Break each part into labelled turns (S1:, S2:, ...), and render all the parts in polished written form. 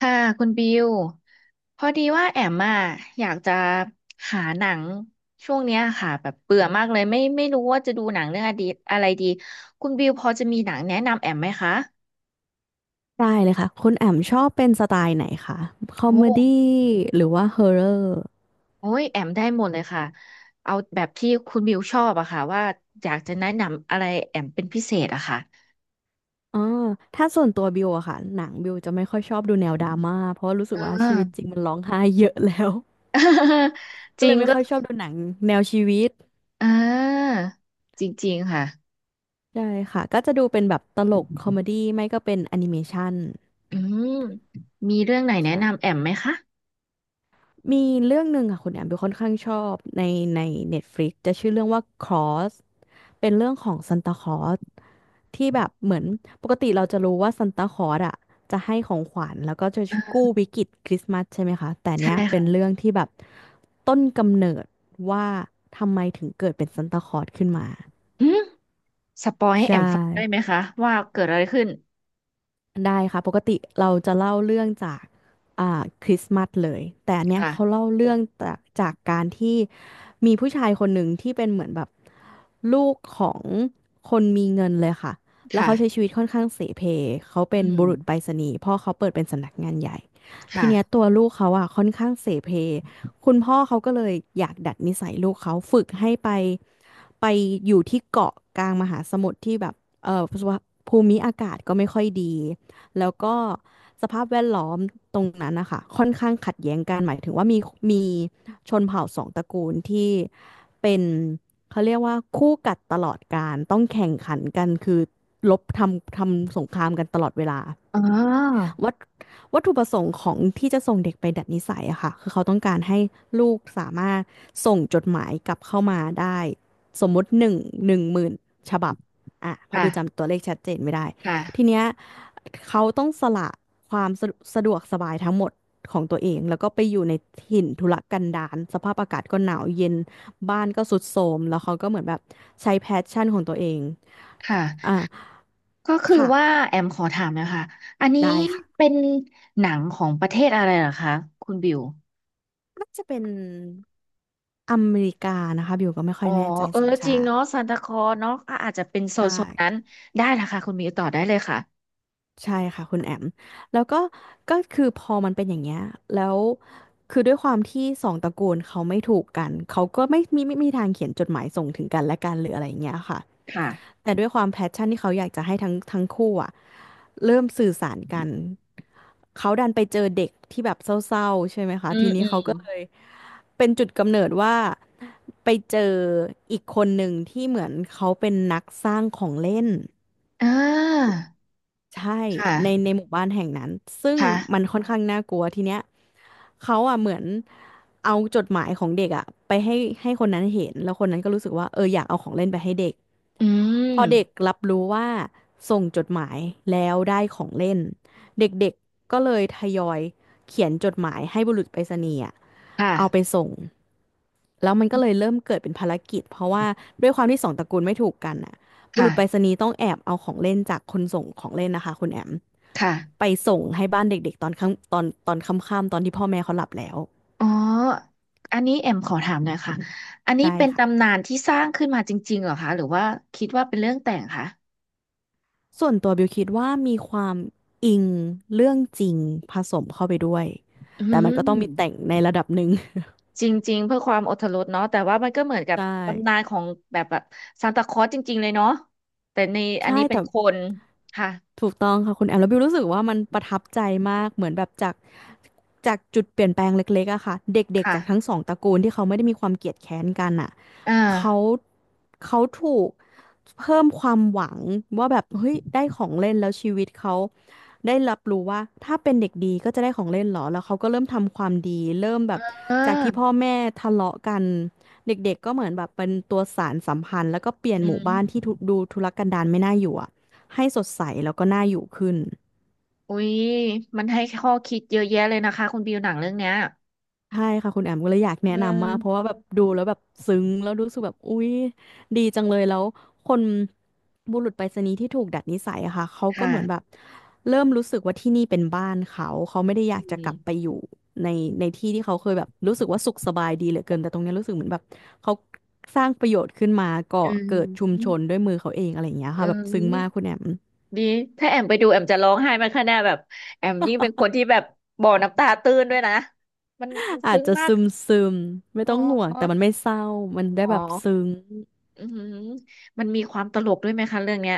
S1: ค่ะคุณบิวพอดีว่าแอมอ่ะอยากจะหาหนังช่วงเนี้ยค่ะแบบเบื่อมากเลยไม่รู้ว่าจะดูหนังเรื่องอดีตอะไรดีคุณบิวพอจะมีหนังแนะนำแอมไหมคะ
S2: ได้เลยค่ะคุณแอมชอบเป็นสไตล์ไหนคะคอม
S1: โอ้
S2: เมดี้หรือว่าฮอร์เรอร์
S1: โอ้ยแอมได้หมดเลยค่ะเอาแบบที่คุณบิวชอบอะค่ะว่าอยากจะแนะนำอะไรแอมเป็นพิเศษอะค่ะ
S2: อ๋อถ้าส่วนตัวบิวอะค่ะหนังบิวจะไม่ค่อยชอบดูแนวดราม่าเพราะรู้สึ
S1: อ
S2: กว่าชีวิตจริ
S1: ่า
S2: งมันร้องไห้เยอะแล้ว
S1: จ
S2: ก็
S1: ริ
S2: เล
S1: ง
S2: ยไม่
S1: ก็
S2: ค่อยชอบดูหนังแนวชีวิต
S1: อ่าจริงๆค่ะ
S2: ใช่ค่ะก็จะดูเป็นแบบตลกคอมเมดี้ไม่ก็เป็นแอนิเมชัน
S1: อืมมีเรื่องไหนแนะ
S2: ใช่
S1: นำแอมไหมคะ
S2: มีเรื่องหนึ่งค่ะคุณแอมดูค่อนข้างชอบในใน Netflix จะชื่อเรื่องว่า Cross เป็นเรื่องของซันตาคลอสที่แบบเหมือนปกติเราจะรู้ว่าซันตาคลอสอ่ะจะให้ของขวัญแล้วก็จะกู้วิกฤตคริสต์มาสใช่ไหมคะแต่
S1: ใช่
S2: เนี้ยเป็
S1: ค่ะ
S2: นเรื่องที่แบบต้นกำเนิดว่าทำไมถึงเกิดเป็นซันตาคลอสขึ้นมา
S1: อืม สปอยให้แอ
S2: ใช่
S1: มฟังได้ไหมคะว่าเกิดอะไรขึ้น
S2: ได้ค่ะปกติเราจะเล่าเรื่องจากคริสต์มาสเลยแต่อันเนี้ย
S1: ค่ะ
S2: เขาเล่าเรื่องจากการที่มีผู้ชายคนหนึ่งที่เป็นเหมือนแบบลูกของคนมีเงินเลยค่ะแล้ว
S1: ค่ะ
S2: เขาใช้ชีวิตค่อนข้างเสเพเขา
S1: อื
S2: เป็นบุ
S1: ม
S2: รุษไปรษณีย์พ่อเขาเปิดเป็นสำนักงานใหญ่ที
S1: ค่ะ
S2: เนี้ยตัวลูกเขาอ่ะค่อนข้างเสเพคุณพ่อเขาก็เลยอยากดัดนิสัยลูกเขาฝึกให้ไปไปอยู่ที่เกาะกลางมหาสมุทรที่แบบเออภูมิอากาศก็ไม่ค่อยดี แล้วก็สภาพแวดล้อมตรงนั้นนะคะค่อนข้างขัดแย้งกันหมายถึงว่ามีมีชนเผ่าสองตระกูลที่เป็นเขาเรียกว่าคู่กัดตลอดกาลต้องแข่งขันกันคือรบทำสงครามกันตลอดเวลา
S1: อ๋อ
S2: วัตวัตถุประสงค์ของที่จะส่งเด็กไปดัดนิสัยอะค่ะคือเขาต้องการให้ลูกสามารถส่งจดหมายกลับเข้ามาได้สมมุติ10,000ฉบับอ่ะเพราะบิวจำ
S1: ค่ะ
S2: ตัวเลขชัดเจนไม่ได้ที
S1: ค่ะ
S2: เนี้ยเขาต้องสละความสะดวกสบายทั้งหมดของตัวเองแล้วก็ไปอยู่ในถิ่นทุรกันดารสภาพอากาศก็หนาวเย็นบ้านก็สุดโทรมแล้วเขาก็เหมือนแบบใช้แพชชั่นของตัวเอง
S1: ค่ะ
S2: อ่า
S1: ก็คือ
S2: ค่ะ
S1: ว่าแอมขอถามนะคะอันนี้
S2: ได้ค่ะ
S1: เป็นหนังของประเทศอะไรเหรอคะคุณบิว
S2: น่าจะเป็น อเมริกานะคะบิวก็ไม่ค่อ
S1: อ๋อ
S2: ยแน่ใจ
S1: เออ
S2: สัญ
S1: จริง
S2: ชาติ
S1: เนาะซานตาคลอสเนาะก็อาจจะเป็นโซน
S2: ใช่
S1: โซนนั้นได้ละค่ะคุณบิวต่อได้เลยค่ะ
S2: ใช่ค่ะคุณแอมแล้วก็ก็คือพอมันเป็นอย่างเงี้ยแล้วคือด้วยความที่สองตระกูลเขาไม่ถูกกันเขาก็ไม่มีทางเขียนจดหมายส่งถึงกันและกันหรืออะไรอย่างเงี้ยค่ะ
S1: ค่ะ
S2: แต่ด้วยความแพชชั่นที่เขาอยากจะให้ทั้งคู่อะเริ่มสื่อสารกันเขาดันไปเจอเด็กที่แบบเศร้าๆใช่ไหมคะ
S1: อื
S2: ที
S1: ม
S2: นี้
S1: อืม
S2: เขาก็เลยเป็นจุดกำเนิดว่าไปเจออีกคนหนึ่งที่เหมือนเขาเป็นนักสร้างของเล่น
S1: อ่า
S2: ใช่
S1: ค่ะ
S2: ในหมู่บ้านแห่งนั้นซึ่ง
S1: ค่ะ
S2: มันค่อนข้างน่ากลัวทีเนี้ยเขาอ่ะเหมือนเอาจดหมายของเด็กอ่ะไปให้คนนั้นเห็นแล้วคนนั้นก็รู้สึกว่าเอออยากเอาของเล่นไปให้เด็ก
S1: อื
S2: พ
S1: ม
S2: อเด็กรับรู้ว่าส่งจดหมายแล้วได้ของเล่นเด็กๆก็เลยทยอยเขียนจดหมายให้บุรุษไปรษณีย์อะ
S1: ค
S2: เอาไป
S1: ่ะ
S2: ส่งแล้วมันก็เลยเริ่มเกิดเป็นภารกิจเพราะว่าด้วยความที่สองตระกูลไม่ถูกกันอ่ะบุรุษไปรษ
S1: ค่ะ
S2: ณีย์ต้องแอบเอาของเล่นจากคนส่งของเล่นนะคะคุณแอม
S1: ค่ะ
S2: ไปส่งให้บ้านเด็กๆตอนค่ำตอนค่ำๆตอนที่พ่อแม่เขาหลับแล้ว
S1: อ๋ออันนี้แอมขอถามหน่อยค่ะอันนี้
S2: ได้
S1: เป็นตำ
S2: ค่ะ
S1: นานที่สร้างขึ้นมาจริงๆเหรอคะ หรือว่าคิดว่าเป็นเรื่องแต่งคะ
S2: ส่วนตัวบิวคิดว่ามีความอิงเรื่องจริงผสมเข้าไปด้วย
S1: อื
S2: แต่มันก็ต้องมีแต่
S1: ม
S2: งในระดับหนึ่ง
S1: จริงๆเพื่อความอรรถรสเนาะแต่ว่ามันก็เหมือน กับ
S2: ใช่
S1: ตำนานของแบบซานตาคลอสจริงๆเลยเนาะแต่ในอัน
S2: ใช่
S1: นี้เป็น
S2: แต่
S1: คนค่ะ
S2: ถูกต้องค่ะคุณแอมแล้วบิวรู้สึกว่ามันประทับใจมากเหมือนแบบจากจุดเปลี่ยนแปลงเล็กๆอะค่ะเด็กๆ
S1: ค่ะ
S2: จากทั้งสองตระกูลที่เขาไม่ได้มีความเกลียดแค้นกันอะ
S1: อ่า
S2: เขาถูกเพิ่มความหวังว่าแบบเฮ้ยได้ของเล่นแล้วชีวิตเขาได้รับรู้ว่าถ้าเป็นเด็กดีก็จะได้ของเล่นเหรอแล้วเขาก็เริ่มทำความดีเริ่มแบบ
S1: อ่
S2: จากที่พ่อ
S1: า
S2: แม่ทะเลาะกันเด็กๆก็เหมือนแบบเป็นตัวสานสัมพันธ์แล้วก็เปลี่ยน
S1: อื
S2: หมู่บ้านที่ทุ
S1: ม
S2: ดูทุรกันดารไม่น่าอยู่อะ ให้สดใสแล้วก็น่าอยู่ขึ้น
S1: อุ๊ยมันให้ข้อคิดเยอะแยะเลยนะคะคุณบิวหนังเรื่องเนี้ย
S2: ใช่ค่ะคุณแอมก็เลยอยากแนะ
S1: อื
S2: นำมากเพราะ
S1: ม
S2: ว่าแบบดูแล้วแบบซึ้งแล้วรู้สึกแบบอุ๊ยดีจังเลยแล้วคนบุรุษไปรษณีย์ที่ถูกดัดนิสัยอะค่ะเขาก็
S1: ค่ะ
S2: เหมือนแบบเริ่มรู้สึกว่าที่นี่เป็นบ้านเขาเขาไม่ได้อ
S1: อื
S2: ยากจะ
S1: ม
S2: กลับไปอยู่ในในที่ที่เขาเคยแบบรู้สึกว่าสุขสบายดีเหลือเกินแต่ตรงเนี้ยรู้สึกเหมือนแบบเขาสร้างประโยชน์ขึ้นมาก่
S1: อื
S2: อเกิดชุมช
S1: ม
S2: นด้วยมือเขาเองอะไรอย่างเงี้ย
S1: อื
S2: ค่ะแบบซึ้งมากคุ
S1: ม
S2: ณแอม
S1: ดี ถ้าแอมไปดูแอมจะร้องไห้มันขนาดแบบแอมยิ่งเป็นคนที่แบบบ่อน้ำตาตื้นด้วยนะมัน
S2: อาจ
S1: ซึ้ง
S2: จะ
S1: มาก
S2: ซึมซึมไม่
S1: อ๋
S2: ต้องห่วงแต่มัน
S1: อ
S2: ไม่เศร้ามันได้
S1: อ๋อ
S2: แบบซึ้ง
S1: อืมมันมีความตลกด้วยไหมคะเรื่องเนี้ย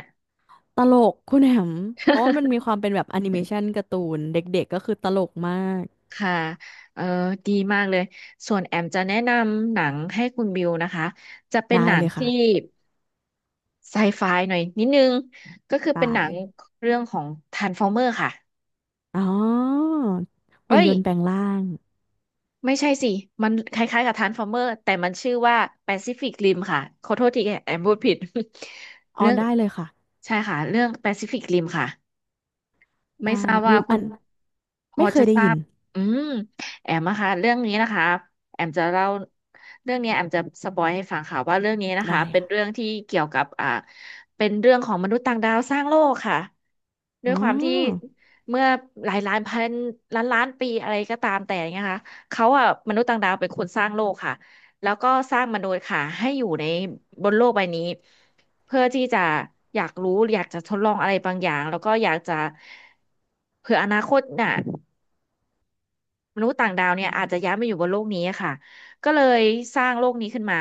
S2: ตลกคุณแหม่มเพราะว่ามันมีค วามเป็นแบบแอนิเมชันการ์ตูนเด็กๆก็คือตลกมาก
S1: ค่ะเออดีมากเลย ส่วนแอมจะแนะนำหนังให้คุณบิวนะคะ จะเป็น
S2: ได้
S1: หนั
S2: เล
S1: ง
S2: ย
S1: ที่
S2: ค่ะ
S1: ไซไฟหน่อยนิดนึง ก็คือ
S2: ได้
S1: เป็นหนังเรื่องของทรา r ฟอร์เมอร์ค่ะ
S2: อ๋อหุ่น
S1: เอ้ย
S2: ยนต์แปลงร่าง
S1: ไม่ใช่สิ มันคล้ายๆกับทานฟอร์เมอร์แต่มันชื่อว่าแปซิฟิกริมค่ะขอโทษทีแอมพูดผิด
S2: อ๋อ
S1: เรื่อง
S2: ได้เลยค่ะ
S1: ใช่ค่ะเรื่องแปซิฟิกริมค่ะ ไม่
S2: ได้
S1: ทราบ
S2: บิ
S1: ว่า
S2: ว
S1: คุ
S2: อั
S1: ณ
S2: น
S1: พอ
S2: ไม่เค
S1: จะ
S2: ยได้
S1: ทรา
S2: ยิน
S1: บอืมแอมนะคะเรื่องนี้นะคะแอมจะเล่าเรื่องเนี้ยแอมจะสปอยให้ฟังค่ะว่าเรื่องนี้นะคะ
S2: ได้
S1: เป็น
S2: ค่ะ
S1: เรื่องที่เกี่ยวกับอ่าเป็นเรื่องของมนุษย์ต่างดาวสร้างโลกค่ะด้
S2: อ๋
S1: ว
S2: อ
S1: ยความที่เมื่อหลายล้านพันล้านล้านปีอะไรก็ตามแต่เนะคะเขาอ่ะมนุษย์ต่างดาวเป็นคนสร้างโลกค่ะแล้วก็สร้างมนุษย์ค่ะให้อยู่ในบนโลกใบนี้ เพื่อที่จะอยากรู้อยากจะทดลองอะไรบางอย่างแล้วก็อยากจะเผื่ออนาคตน่ะ มนุษย์ต่างดาวเนี่ยอาจจะย้ายมาอยู่บนโลกนี้อะค่ะก็เลยสร้างโลกนี้ขึ้นมา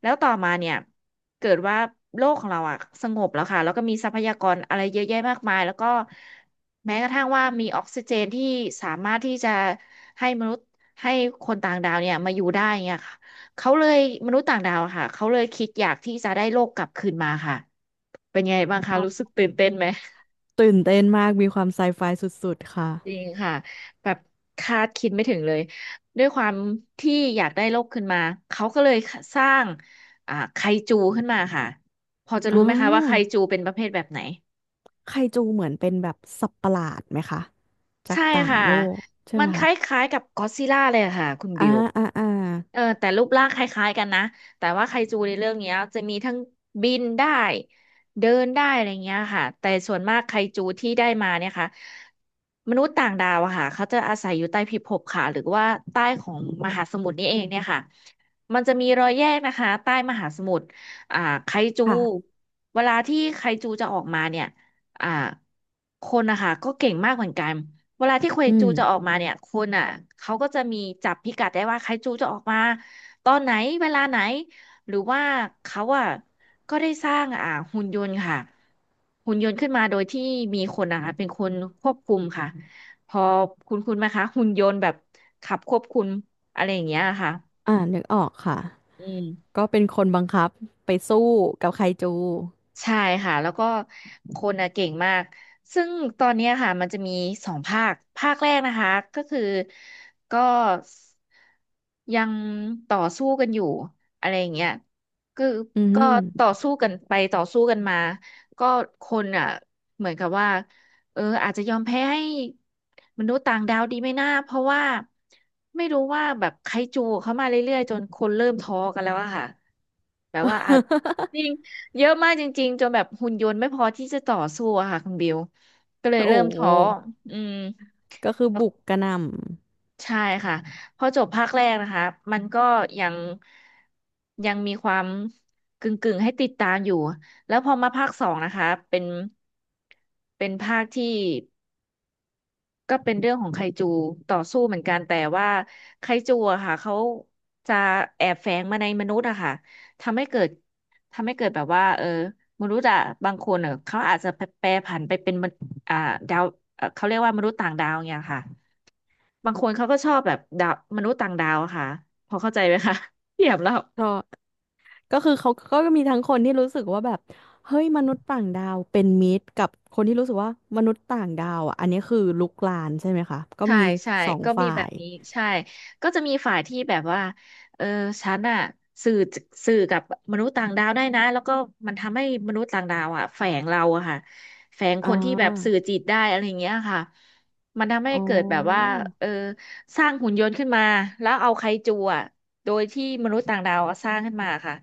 S1: แล้วต่อมาเนี่ยเกิดว่าโลกของเราอะสงบแล้วค่ะแล้วก็มีทรัพยากรอะไรเยอะแยะมากมายแล้วก็แม้กระทั่งว่ามีออกซิเจนที่สามารถที่จะให้มนุษย์ให้คนต่างดาวเนี่ยมาอยู่ได้เงี้ยค่ะเขาเลยมนุษย์ต่างดาวอะค่ะเขาเลยคิดอยากที่จะได้โลกกลับคืนมาค่ะเป็นไงบ้างคะ
S2: อ๋
S1: รู้สึ
S2: อ
S1: กตื่นเต้นไหม
S2: ตื่นเต้นมากมีความไซไฟสุดๆค่ะ
S1: จริงค่ะแบบคาดคิดไม่ถึงเลยด้วยความที่อยากได้โลกขึ้นมาเขาก็เลยสร้างอ่าไคจูขึ้นมาค่ะพอจะ
S2: อ๋อ
S1: รู้ไหมคะว่าไคจูเป็นประเภทแบบไหน
S2: ไคจูเหมือนเป็นแบบสัตว์ประหลาดไหมคะจาก
S1: ใช่
S2: ต่าง
S1: ค่ะ
S2: โลกใช่
S1: มั
S2: ไหม
S1: นค
S2: คะ
S1: ล้ายๆกับก็อดซิลล่าเลยอะค่ะคุณ
S2: อ่า
S1: บิว
S2: อ่า
S1: เออแต่รูปร่างคล้ายๆกันนะแต่ว่าไคจูในเรื่องเนี้ยจะมีทั้งบินได้เดินได้อะไรเงี้ยค่ะแต่ส่วนมากไคจูที่ได้มาเนี่ยค่ะมนุษย์ต่างดาวอะค่ะเขาจะอาศัยอยู่ใต้พิภพค่ะหรือว่าใต้ของมหาสมุทรนี่เองเนี่ยค่ะมันจะมีรอยแยกนะคะใต้มหาสมุทรอ่าไคจู
S2: ค่ะ
S1: เวลาที่ไคจูจะออกมาเนี่ยอ่าคนนะคะก็เก่งมากเหมือนกัน เวลาที่เค
S2: อื
S1: นจู
S2: ม
S1: จะออกมาเนี่ยคนอ่ะเขาก็จะมีจับพิกัดได้ว่าใครจูจะออกมาตอนไหนเวลาไหนหรือว่าเขาอ่ะก็ได้สร้างอ่าหุ่นยนต์ค่ะหุ่นยนต์ขึ้นมาโดยที่มีคนนะคะเป็นคนควบคุมค่ะพอคุณไหมคะหุ่นยนต์แบบขับควบคุมอะไรอย่างเงี้ยค่ะ
S2: อ่านึกออกค่ะ
S1: อืม
S2: ก็เป็นคนบังคับไปสู้กับไคจู
S1: ใช่ค่ะแล้วก็คนน่ะเก่งมากซึ่งตอนเนี้ยค่ะมันจะมีสองภาคภาคแรกนะคะก็คือก็ยังต่อสู้กันอยู่อะไรอย่างเงี้ยคือ
S2: อื
S1: ก็ต่อ
S2: ม
S1: สู้กันไปต่อสู้กันมาก็คนอ่ะเหมือนกับว่าเอออาจจะยอมแพ้ให้มนุษย์ต่างดาวดีไหม่น่าเพราะว่าไม่รู้ว่าแบบไคจูเข้ามาเรื่อยๆจนคนเริ่มท้อกันแล้วอะค่ะแบบว่าอาจ จริง เยอะมากจริงๆจนแบบหุ่นยนต์ไม่พอที่จะต่อสู้อะค่ะคุณบิว ก็เลย
S2: โอ้
S1: เริ่ม
S2: โห
S1: ท้ออืม
S2: ก็คือบุกกระหน่
S1: ใช่ค่ะพอจบภาคแรกนะคะมันก็ยังยังมีความกึ่งๆให้ติดตามอยู่แล้วพอมาภาคสองนะคะเป็นภาคที่ ก็เป็นเรื่องของไคจูต่อสู้เหมือนกันแต่ว่าไคจูอะค่ะเขาจะแอบแฝงมาในมนุษย์อะค่ะทำให้เกิดทำให้เกิดแบบว่ามนุษย์อะบางคนเขาอาจจะแปรผันไปเป็นมนอ่าดาวเขาเรียกว่ามนุษย์ต่างดาวเนี่ยค่ะบางคนเขาก็ชอบแบบดาวมนุษย์ต่างดาวอะค่ะพอเข้าใจไหมคะ เทีย บแล้ว
S2: ำเพราะก็คือเขาก็มีทั้งคนที่รู้สึกว่าแบบเฮ้ยมนุษย์ต่างดาวเป็นมิตรกับคนที่รู้สึกว่ามนุษย์ต่างดาวอ่ะอันนี้คือลุกลานใช่ไหมคะก็
S1: ใช่
S2: มี
S1: ใช่
S2: สอง
S1: ก็มี
S2: ฝ่า
S1: แบบ
S2: ย
S1: นี้ใช่ก็จะมีฝ่ายที่แบบว่าเออฉันอะสื่อสื่อกับมนุษย์ต่างดาวได้นะแล้วก็มันทำให้มนุษย์ต่างดาวอะแฝงเราอะค่ะแฝง
S2: อ่
S1: คนที่แบบสื่อ
S2: า
S1: จิตได้อะไรอย่างเงี้ยค่ะมันทำให้
S2: อ๋
S1: เกิดแบบว่า
S2: อ
S1: เออสร้างหุ่นยนต์ขึ้นมาแล้วเอาไคจูอะโดยที่มนุษย์ต่างดาวอะสร้างขึ้นมาค่ะ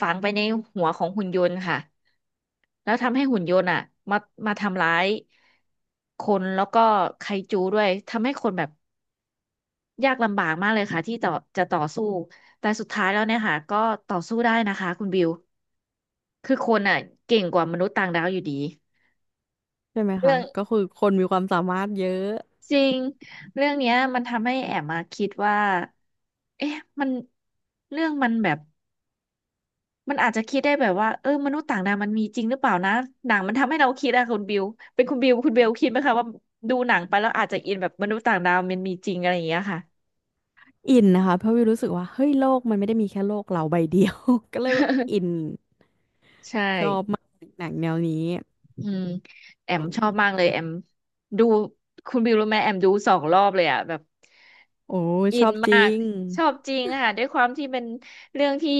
S1: ฝังไปในหัวของหุ่นยนต์ค่ะแล้วทำให้หุ่นยนต์อะมามาทำร้ายคนแล้วก็ไคจูด้วยทำให้คนแบบ ยากลำบากมากเลยค่ะที่จะต่อสู้ แต่สุดท้ายแล้วเนี่ยค่ะก็ต่อสู้ได้นะคะคุณบิวคือคนอ่ะเก่งกว่ามนุษย์ต่างดาวอยู่ดี
S2: ใช่ไหม
S1: เรื่
S2: คะ
S1: อง
S2: ก็คือคนมีความสามารถเยอะ
S1: จริงเรื่องเนี้ยมันทำให้แอบมาคิดว่าเอ๊ะมันเรื่องมันแบบมันอาจจะคิดได้แบบว่ามนุษย์ต่างดาวมันมีจริงหรือเปล่านะหนังมันทำให้เราคิดอะคุณบิวเป็นคุณบิวคุณเบลคิดไหมคะว่าดูหนังไปแล้วอาจจะอินแบบมนุษย์ต่างดาวมันมีจริงอะไรอย่างเงี้ยค่ะ
S2: อินนะคะเพราะวิวรู้สึกว่าเฮ้ยโลกมันไม่ได้มีแค่โลกเราใบเดียว ก็เลยแบบอิน
S1: ใช่
S2: ชอบมากหนังแนวนี้
S1: อืมแอมชอบมากเลยแอมดูคุณบิวรู้ไหมแอมดู2 รอบเลยอ่ะแบบ
S2: โอ้ชอบจริง
S1: ชอบจริงค่ะด้วยความที่เป็นเรื่องที่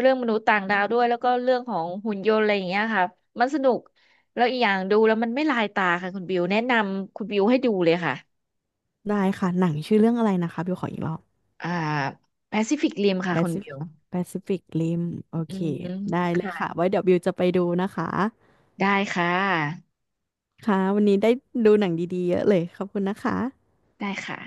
S1: เรื่องมนุษย์ต่างดาวด้วยแล้วก็เรื่องของหุ่นยนต์อะไรอย่างเงี้ยค่ะมันสนุกแล้วอีกอย่างดูแล้วมันไม่ลายตาค่ะคุณบิวแนะนำคุณบิวให้ดูเลยค่ะ
S2: ได้ค่ะหนังชื่อเรื่องอะไรนะคะบิวขออีกรอบ
S1: อ่า Pacific Rim ค่ะคุณ
S2: Pacific
S1: บิว
S2: Pacific Rim โอ
S1: อื
S2: เค
S1: ม
S2: ได้เลยค่ะ
S1: ค่ะ
S2: ไว้เดี๋ยวบิวจะไปดูนะคะ
S1: ได้ค่ะ
S2: ค่ะวันนี้ได้ดูหนังดีๆเยอะเลยขอบคุณนะคะ
S1: ได้ค่ะ